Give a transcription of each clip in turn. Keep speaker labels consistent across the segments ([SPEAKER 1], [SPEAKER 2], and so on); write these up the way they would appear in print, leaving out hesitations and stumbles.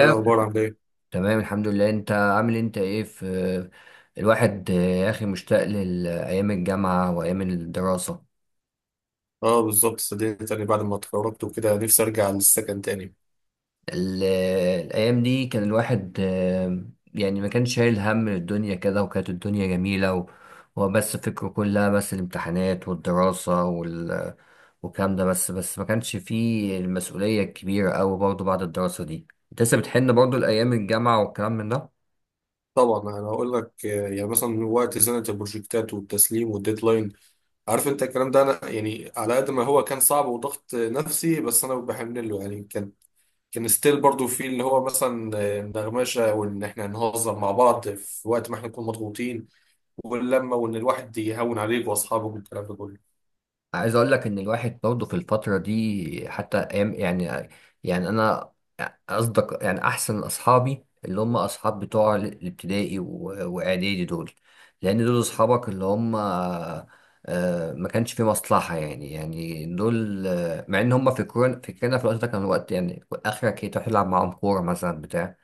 [SPEAKER 1] ايه الاخبار عامل ايه؟
[SPEAKER 2] تمام الحمد لله، انت عامل إيه؟ انت ايه في؟ الواحد يا اخي مشتاق لأيام الجامعة وأيام الدراسة.
[SPEAKER 1] اه بالظبط، صدقني تاني بعد ما اتخرجت وكده نفسي ارجع للسكن تاني.
[SPEAKER 2] ال- الأيام دي كان الواحد يعني ما كانش شايل هم الدنيا كده، وكانت الدنيا جميلة وبس فكره كلها بس الامتحانات والدراسة والكلام ده. بس ما كانش فيه المسؤولية الكبيرة أوي برضه بعد الدراسة دي. انت لسه بتحن برضه لأيام الجامعة والكلام من ده؟
[SPEAKER 1] طبعا انا هقول لك، يعني مثلا وقت زنقه البروجكتات والتسليم والديدلاين، عارف انت الكلام ده. انا يعني على قد ما هو كان صعب وضغط نفسي، بس انا بحمل له. يعني كان ستيل برضو في اللي هو مثلا النغمشه وان احنا نهزر مع بعض في وقت ما احنا نكون مضغوطين، واللمه وان الواحد يهون عليك واصحابك والكلام ده كله.
[SPEAKER 2] عايز اقول لك ان الواحد برضه في الفتره دي حتى ايام يعني. يعني اصدق يعني احسن اصحابي اللي هم اصحاب بتوع الابتدائي واعدادي دول، لان دول اصحابك اللي هم ما كانش في مصلحه. يعني يعني دول مع ان هم فكرنا في الوقت ده، كان وقت يعني اخرك ايه تروح تلعب معاهم كوره مثلا بتاع.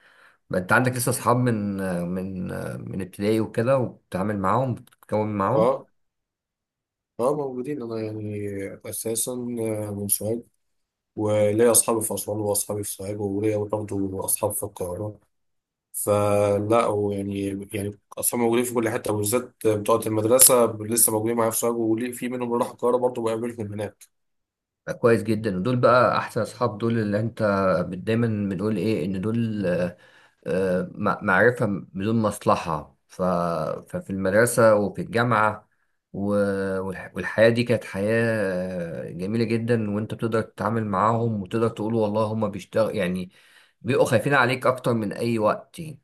[SPEAKER 2] ما انت عندك لسه اصحاب من من ابتدائي وكده، وبتتعامل معاهم بتتكون معاهم.
[SPEAKER 1] اه. اه موجودين. انا يعني اساسا من سوهاج، وليا أصحابي في أسوان وأصحابي في سوهاج وليا برضه أصحاب في القاهرة. فلا، ويعني يعني أصحابي موجودين في كل حتة، وبالذات بتوع المدرسة لسه موجودين معايا في سوهاج، وليه في منهم اللي راح القاهرة برضه بقابلهم هناك.
[SPEAKER 2] كويس جدا، ودول بقى احسن اصحاب، دول اللي انت دايما بنقول ايه ان دول معرفة بدون مصلحة ففي المدرسة وفي الجامعة و... والحياة دي كانت حياة جميلة جدا. وانت بتقدر تتعامل معاهم وتقدر تقول والله هما بيشتغل يعني، بيبقوا خايفين عليك اكتر من اي وقت يعني.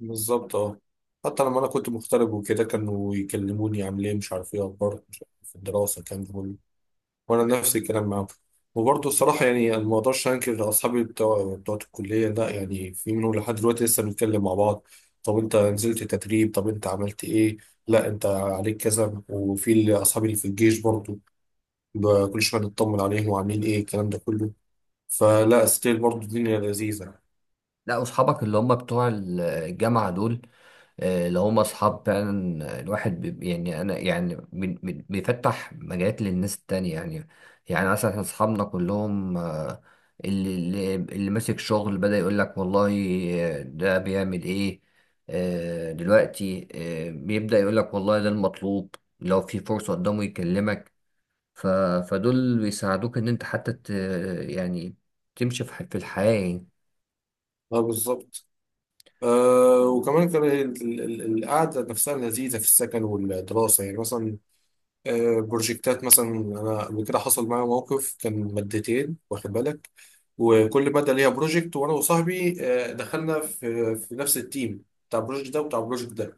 [SPEAKER 1] بالظبط أه. حتى لما أنا كنت مغترب وكده كانوا يكلموني عامل إيه، مش عارف إيه أخبارك، مش عارف إيه في الدراسة، الكلام ده كله. وانا نفس الكلام معاهم. وبرضه الصراحه يعني انا ما اقدرش انكر اصحابي بتوع الكليه، لا، يعني في منهم لحد دلوقتي لسه بنتكلم مع بعض. طب انت نزلت تدريب، طب انت عملت ايه، لا انت عليك كذا. وفي اصحابي اللي في الجيش برضه، كل شويه نطمن عليهم وعاملين ايه الكلام ده كله. فلا ستيل برضه الدنيا لذيذه.
[SPEAKER 2] لا، اصحابك اللي هما بتوع الجامعة دول لو هم اصحاب فعلا الواحد بي يعني انا يعني من بيفتح مجالات للناس التانية يعني. يعني مثلا احنا اصحابنا كلهم اللي ماسك شغل، بدأ يقول لك والله ده بيعمل ايه دلوقتي، بيبدأ يقول لك والله ده المطلوب، لو في فرصة قدامه يكلمك. ف فدول بيساعدوك ان انت حتى يعني تمشي في في الحياة يعني.
[SPEAKER 1] اه بالظبط. آه، وكمان كان القعده نفسها لذيذه في السكن والدراسه. يعني مثلا بروجكتات، مثلا انا قبل كده حصل معايا موقف، كان مادتين واخد بالك، وكل ماده ليها بروجكت. وانا وصاحبي دخلنا في نفس التيم بتاع البروجكت ده وبتاع البروجكت ده.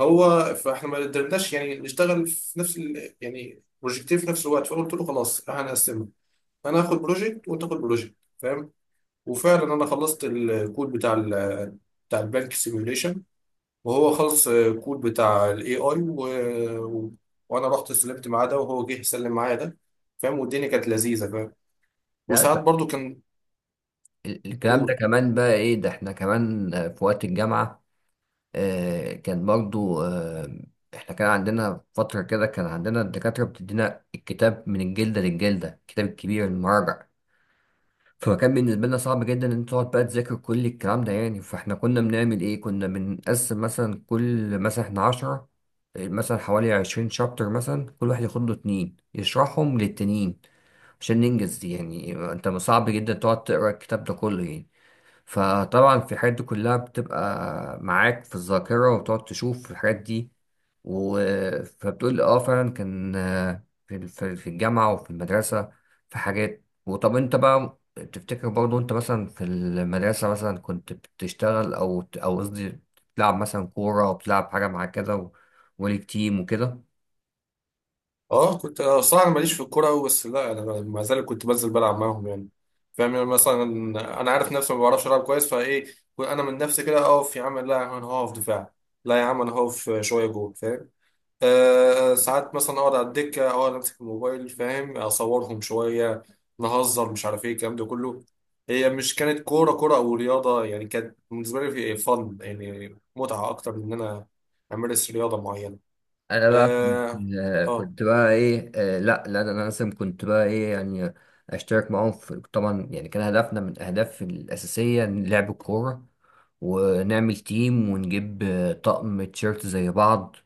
[SPEAKER 1] هو فاحنا ما قدرناش يعني نشتغل في نفس يعني بروجكتين في نفس الوقت، فقلت له خلاص احنا هنقسمها، انا هاخد بروجكت وانت تاخد بروجكت، فاهم؟ وفعلا انا خلصت الكود بتاع بتاع البنك سيميوليشن، وهو خلص الكود بتاع الاي اي. و... وانا رحت سلمت معاه ده وهو جه يسلم معايا ده، فاهم؟ والدنيا كانت لذيذه، فاهم؟
[SPEAKER 2] لا
[SPEAKER 1] وساعات
[SPEAKER 2] ت-
[SPEAKER 1] برضو كان،
[SPEAKER 2] الكلام ده
[SPEAKER 1] قول.
[SPEAKER 2] كمان بقى ايه؟ ده احنا كمان في وقت الجامعة كان برضو احنا كان عندنا فترة كده، كان عندنا الدكاترة بتدينا الكتاب من الجلدة للجلدة، الكتاب الكبير المراجع. فكان بالنسبة لنا صعب جدا ان انت تقعد بقى تذاكر كل الكلام ده يعني. فاحنا كنا بنعمل ايه، كنا بنقسم مثلا كل مثلا احنا 10، مثلا حوالي 20 شابتر، مثلا كل واحد ياخد له 2 يشرحهم للتانيين عشان ننجز. يعني انت صعب جدا تقعد تقرا الكتاب ده كله يعني. فطبعا في الحاجات دي كلها بتبقى معاك في الذاكرة، وبتقعد تشوف الحاجات دي و... فبتقول اه فعلا كان في الجامعة وفي المدرسة في حاجات. وطب انت بقى تفتكر برضه، انت مثلا في المدرسة مثلا كنت بتشتغل او قصدي بتلعب مثلا كورة او بتلعب حاجة مع كده وليك تيم وكده؟
[SPEAKER 1] اه، كنت، صراحه انا ماليش في الكوره أوي، بس لا انا ما زال كنت بنزل بلعب معاهم. يعني فاهم، يعني مثلا انا عارف نفسي ما بعرفش العب كويس، فايه؟ انا من نفسي كده اقف، يا عم لا، يا عم انا هقف دفاع، لا يا عم انا هقف شويه جول، فاهم؟ أه ساعات مثلا اقعد على الدكه، اقعد امسك الموبايل فاهم، اصورهم شويه، نهزر، مش عارف ايه، الكلام ده كله. هي مش كانت كوره او رياضه، يعني كانت بالنسبه لي في إيه، فن، يعني متعه اكتر من ان انا امارس رياضه معينه.
[SPEAKER 2] انا بقى
[SPEAKER 1] اه.
[SPEAKER 2] كنت
[SPEAKER 1] اه.
[SPEAKER 2] كنت بقى ايه لا انا لازم كنت بقى ايه يعني اشترك معاهم في. طبعا يعني كان هدفنا من الاهداف الاساسيه إن لعب الكوره ونعمل تيم ونجيب طقم تيشيرت زي بعض،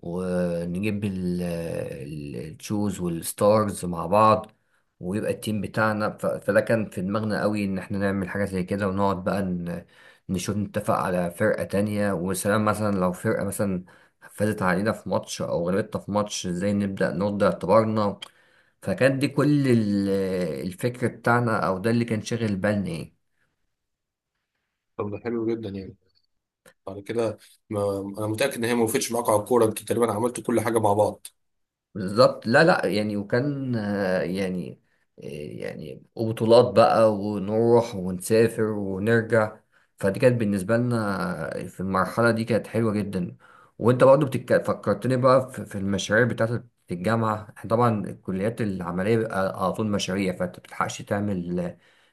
[SPEAKER 2] ونجيب التشوز والستارز مع بعض، ويبقى التيم بتاعنا. فده كان في دماغنا قوي، ان احنا نعمل حاجة زي كده، ونقعد بقى نشوف نتفق على فرقة تانية وسلام. مثلا لو فرقة مثلا فازت علينا في ماتش او غلبتنا في ماتش، ازاي نبدأ نرد اعتبارنا. فكانت دي كل الفكر بتاعنا، او ده اللي كان شاغل بالنا يعني.
[SPEAKER 1] طب ده حلو جدا. يعني بعد كده ما انا متاكد ان هي ما وقفتش معاك على الكوره، انتوا تقريبا عملتوا كل حاجه مع بعض.
[SPEAKER 2] بالظبط. لا لا يعني، وكان يعني وبطولات بقى، ونروح ونسافر ونرجع. فدي كانت بالنسبة لنا في المرحلة دي كانت حلوة جدا. وانت برضه فكرتني بقى في المشاريع بتاعت الجامعة. احنا طبعا الكليات العملية بيبقى على طول مشاريع، فانت مبتلحقش تعمل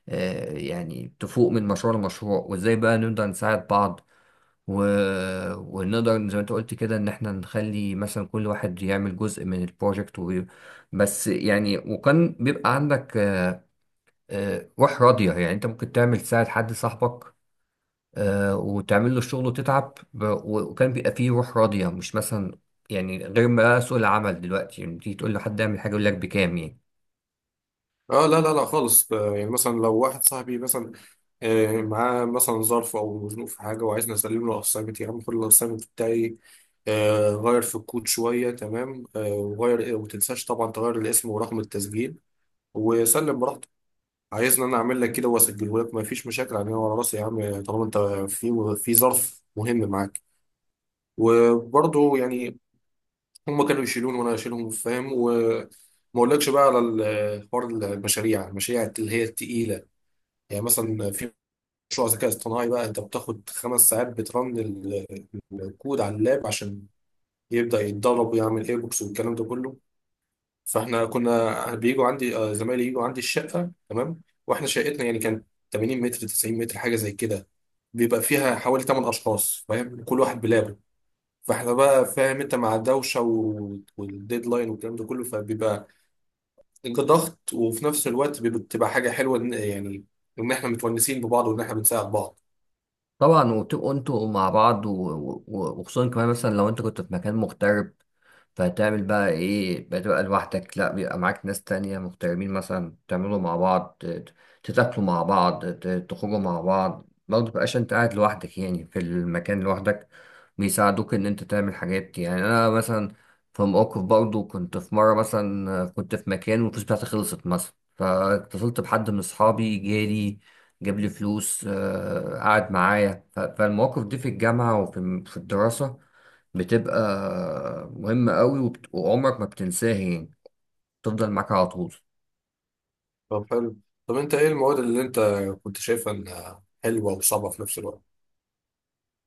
[SPEAKER 2] يعني تفوق من مشروع لمشروع، وازاي بقى نقدر نساعد بعض و... ونقدر زي ما انت قلت كده ان احنا نخلي مثلا كل واحد يعمل جزء من البروجكت بس يعني. وكان بيبقى عندك روح راضية، يعني انت ممكن تعمل تساعد حد صاحبك وتعمل له الشغل وتتعب وكان بيبقى فيه روح راضية، مش مثلا يعني غير ما سوق العمل دلوقتي، يعني تيجي تقول له حد اعمل حاجة يقول لك بكام يعني.
[SPEAKER 1] اه لا لا لا خالص. يعني مثلا لو واحد صاحبي مثلا معاه مثلا ظرف او مزنوق في حاجه وعايزني اسلم له الاسايمنت، يا عم خد الاسايمنت بتاعي، غير في الكود شويه، تمام، وغير وما تنساش طبعا تغير الاسم ورقم التسجيل وسلم براحتك. عايزني انا اعمل لك كده واسجله لك؟ مفيش مشاكل يعني، ورا راسي يا عم، طالما انت في ظرف مهم معاك. وبرضه يعني هم كانوا يشيلون وانا اشيلهم، فاهم؟ وما اقولكش بقى على حوار المشاريع اللي هي التقيله. يعني مثلا في مشروع ذكاء اصطناعي بقى، انت بتاخد خمس ساعات بترن الكود على اللاب عشان يبدا يتدرب ويعمل ايربوكس والكلام ده كله. فاحنا كنا بيجوا عندي، زمايلي يجوا عندي الشقه، تمام؟ واحنا شقتنا يعني كانت 80 متر، 90 متر، حاجه زي كده، بيبقى فيها حوالي 8 اشخاص، فاهم؟ كل واحد بلابه، فاحنا بقى فاهم انت، مع الدوشه و- والديدلاين والكلام ده كله، فبيبقى ضغط. وفي نفس الوقت بتبقى حاجه حلوه، يعني ان احنا متونسين ببعض وان احنا بنساعد بعض.
[SPEAKER 2] طبعا، وتبقوا انتوا مع بعض وخصوصا كمان مثلا لو انت كنت في مكان مغترب، فهتعمل بقى ايه؟ بتبقى لوحدك؟ لا، بيبقى معاك ناس تانية مغتربين، مثلا تعملوا مع بعض، تتاكلوا مع بعض، تخرجوا مع بعض برضه، متبقاش انت قاعد لوحدك يعني في المكان لوحدك. بيساعدوك ان انت تعمل حاجات. يعني انا مثلا في موقف برضه، كنت في مرة مثلا كنت في مكان والفلوس بتاعتي خلصت مثلا، فاتصلت بحد من اصحابي، جالي جاب لي فلوس قعد معايا. فالمواقف دي في الجامعة وفي في الدراسة بتبقى مهمة قوي، وعمرك ما بتنساها يعني، تفضل معاك على طول.
[SPEAKER 1] طب حلو. طب انت ايه المواد اللي انت كنت شايفها انها حلوه وصعبه في نفس الوقت؟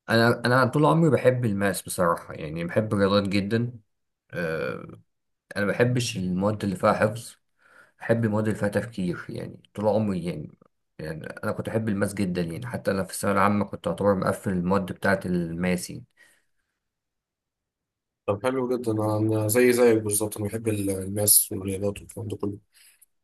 [SPEAKER 2] أنا طول عمري بحب الماس بصراحة، يعني بحب الرياضات جدا. آه، أنا ما بحبش المواد اللي فيها حفظ، بحب المواد اللي فيها تفكير، يعني طول عمري يعني. يعني أنا كنت أحب الماس جدا، يعني حتى أنا في الثانوية العامة كنت أعتبر مقفل المواد بتاعة الماس يعني.
[SPEAKER 1] طب حلو جدا. أنا زي زيك بالظبط، انا بحب الماس والرياضات والكلام ده كله.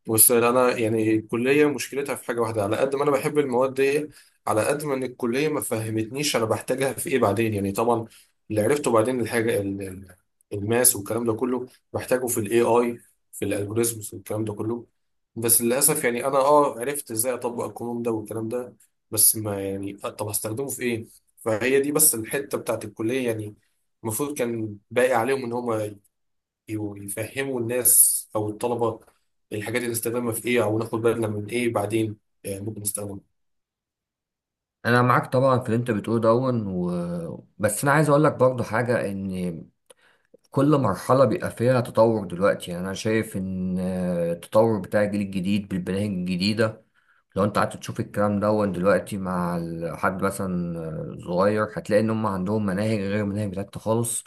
[SPEAKER 1] بص، انا يعني الكليه مشكلتها في حاجه واحده، على قد ما انا بحب المواد دي على قد ما ان الكليه ما فهمتنيش انا بحتاجها في ايه بعدين. يعني طبعا اللي عرفته بعدين، الحاجه الماس والكلام ده كله بحتاجه في الاي اي، في الالجوريزمز والكلام ده كله. بس للاسف يعني انا اه عرفت ازاي اطبق القانون ده والكلام ده، بس ما يعني، طب هستخدمه في ايه؟ فهي دي بس الحته بتاعت الكليه يعني، المفروض كان باقي عليهم ان هم يفهموا الناس او الطلبه الحاجات اللي نستخدمها في ايه، او ناخد بالنا من ايه بعدين ممكن نستخدمها.
[SPEAKER 2] انا معاك طبعا في اللي انت بتقوله دون بس انا عايز اقول لك برضو حاجه، ان كل مرحله بيبقى فيها تطور. دلوقتي يعني انا شايف ان التطور بتاع الجيل الجديد بالمناهج الجديده، لو انت قعدت تشوف الكلام دون دلوقتي مع حد مثلا صغير، هتلاقي ان هم عندهم مناهج غير المناهج بتاعتنا خالص،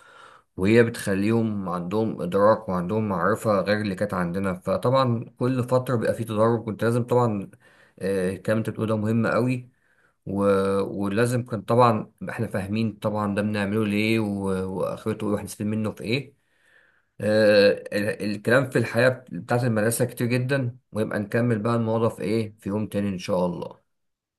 [SPEAKER 2] وهي بتخليهم عندهم ادراك وعندهم معرفه غير اللي كانت عندنا. فطبعا كل فتره بيبقى فيه تدرج، وانت لازم طبعا الكلام اللي انت بتقوله ده مهم قوي و... ولازم كان طبعا احنا فاهمين طبعا ده بنعمله ليه واخرته ايه، وهنستفيد منه في ايه. الكلام في الحياة بتاعت المدرسة كتير جدا، ويبقى نكمل بقى الموضوع في ايه في يوم تاني ان شاء الله.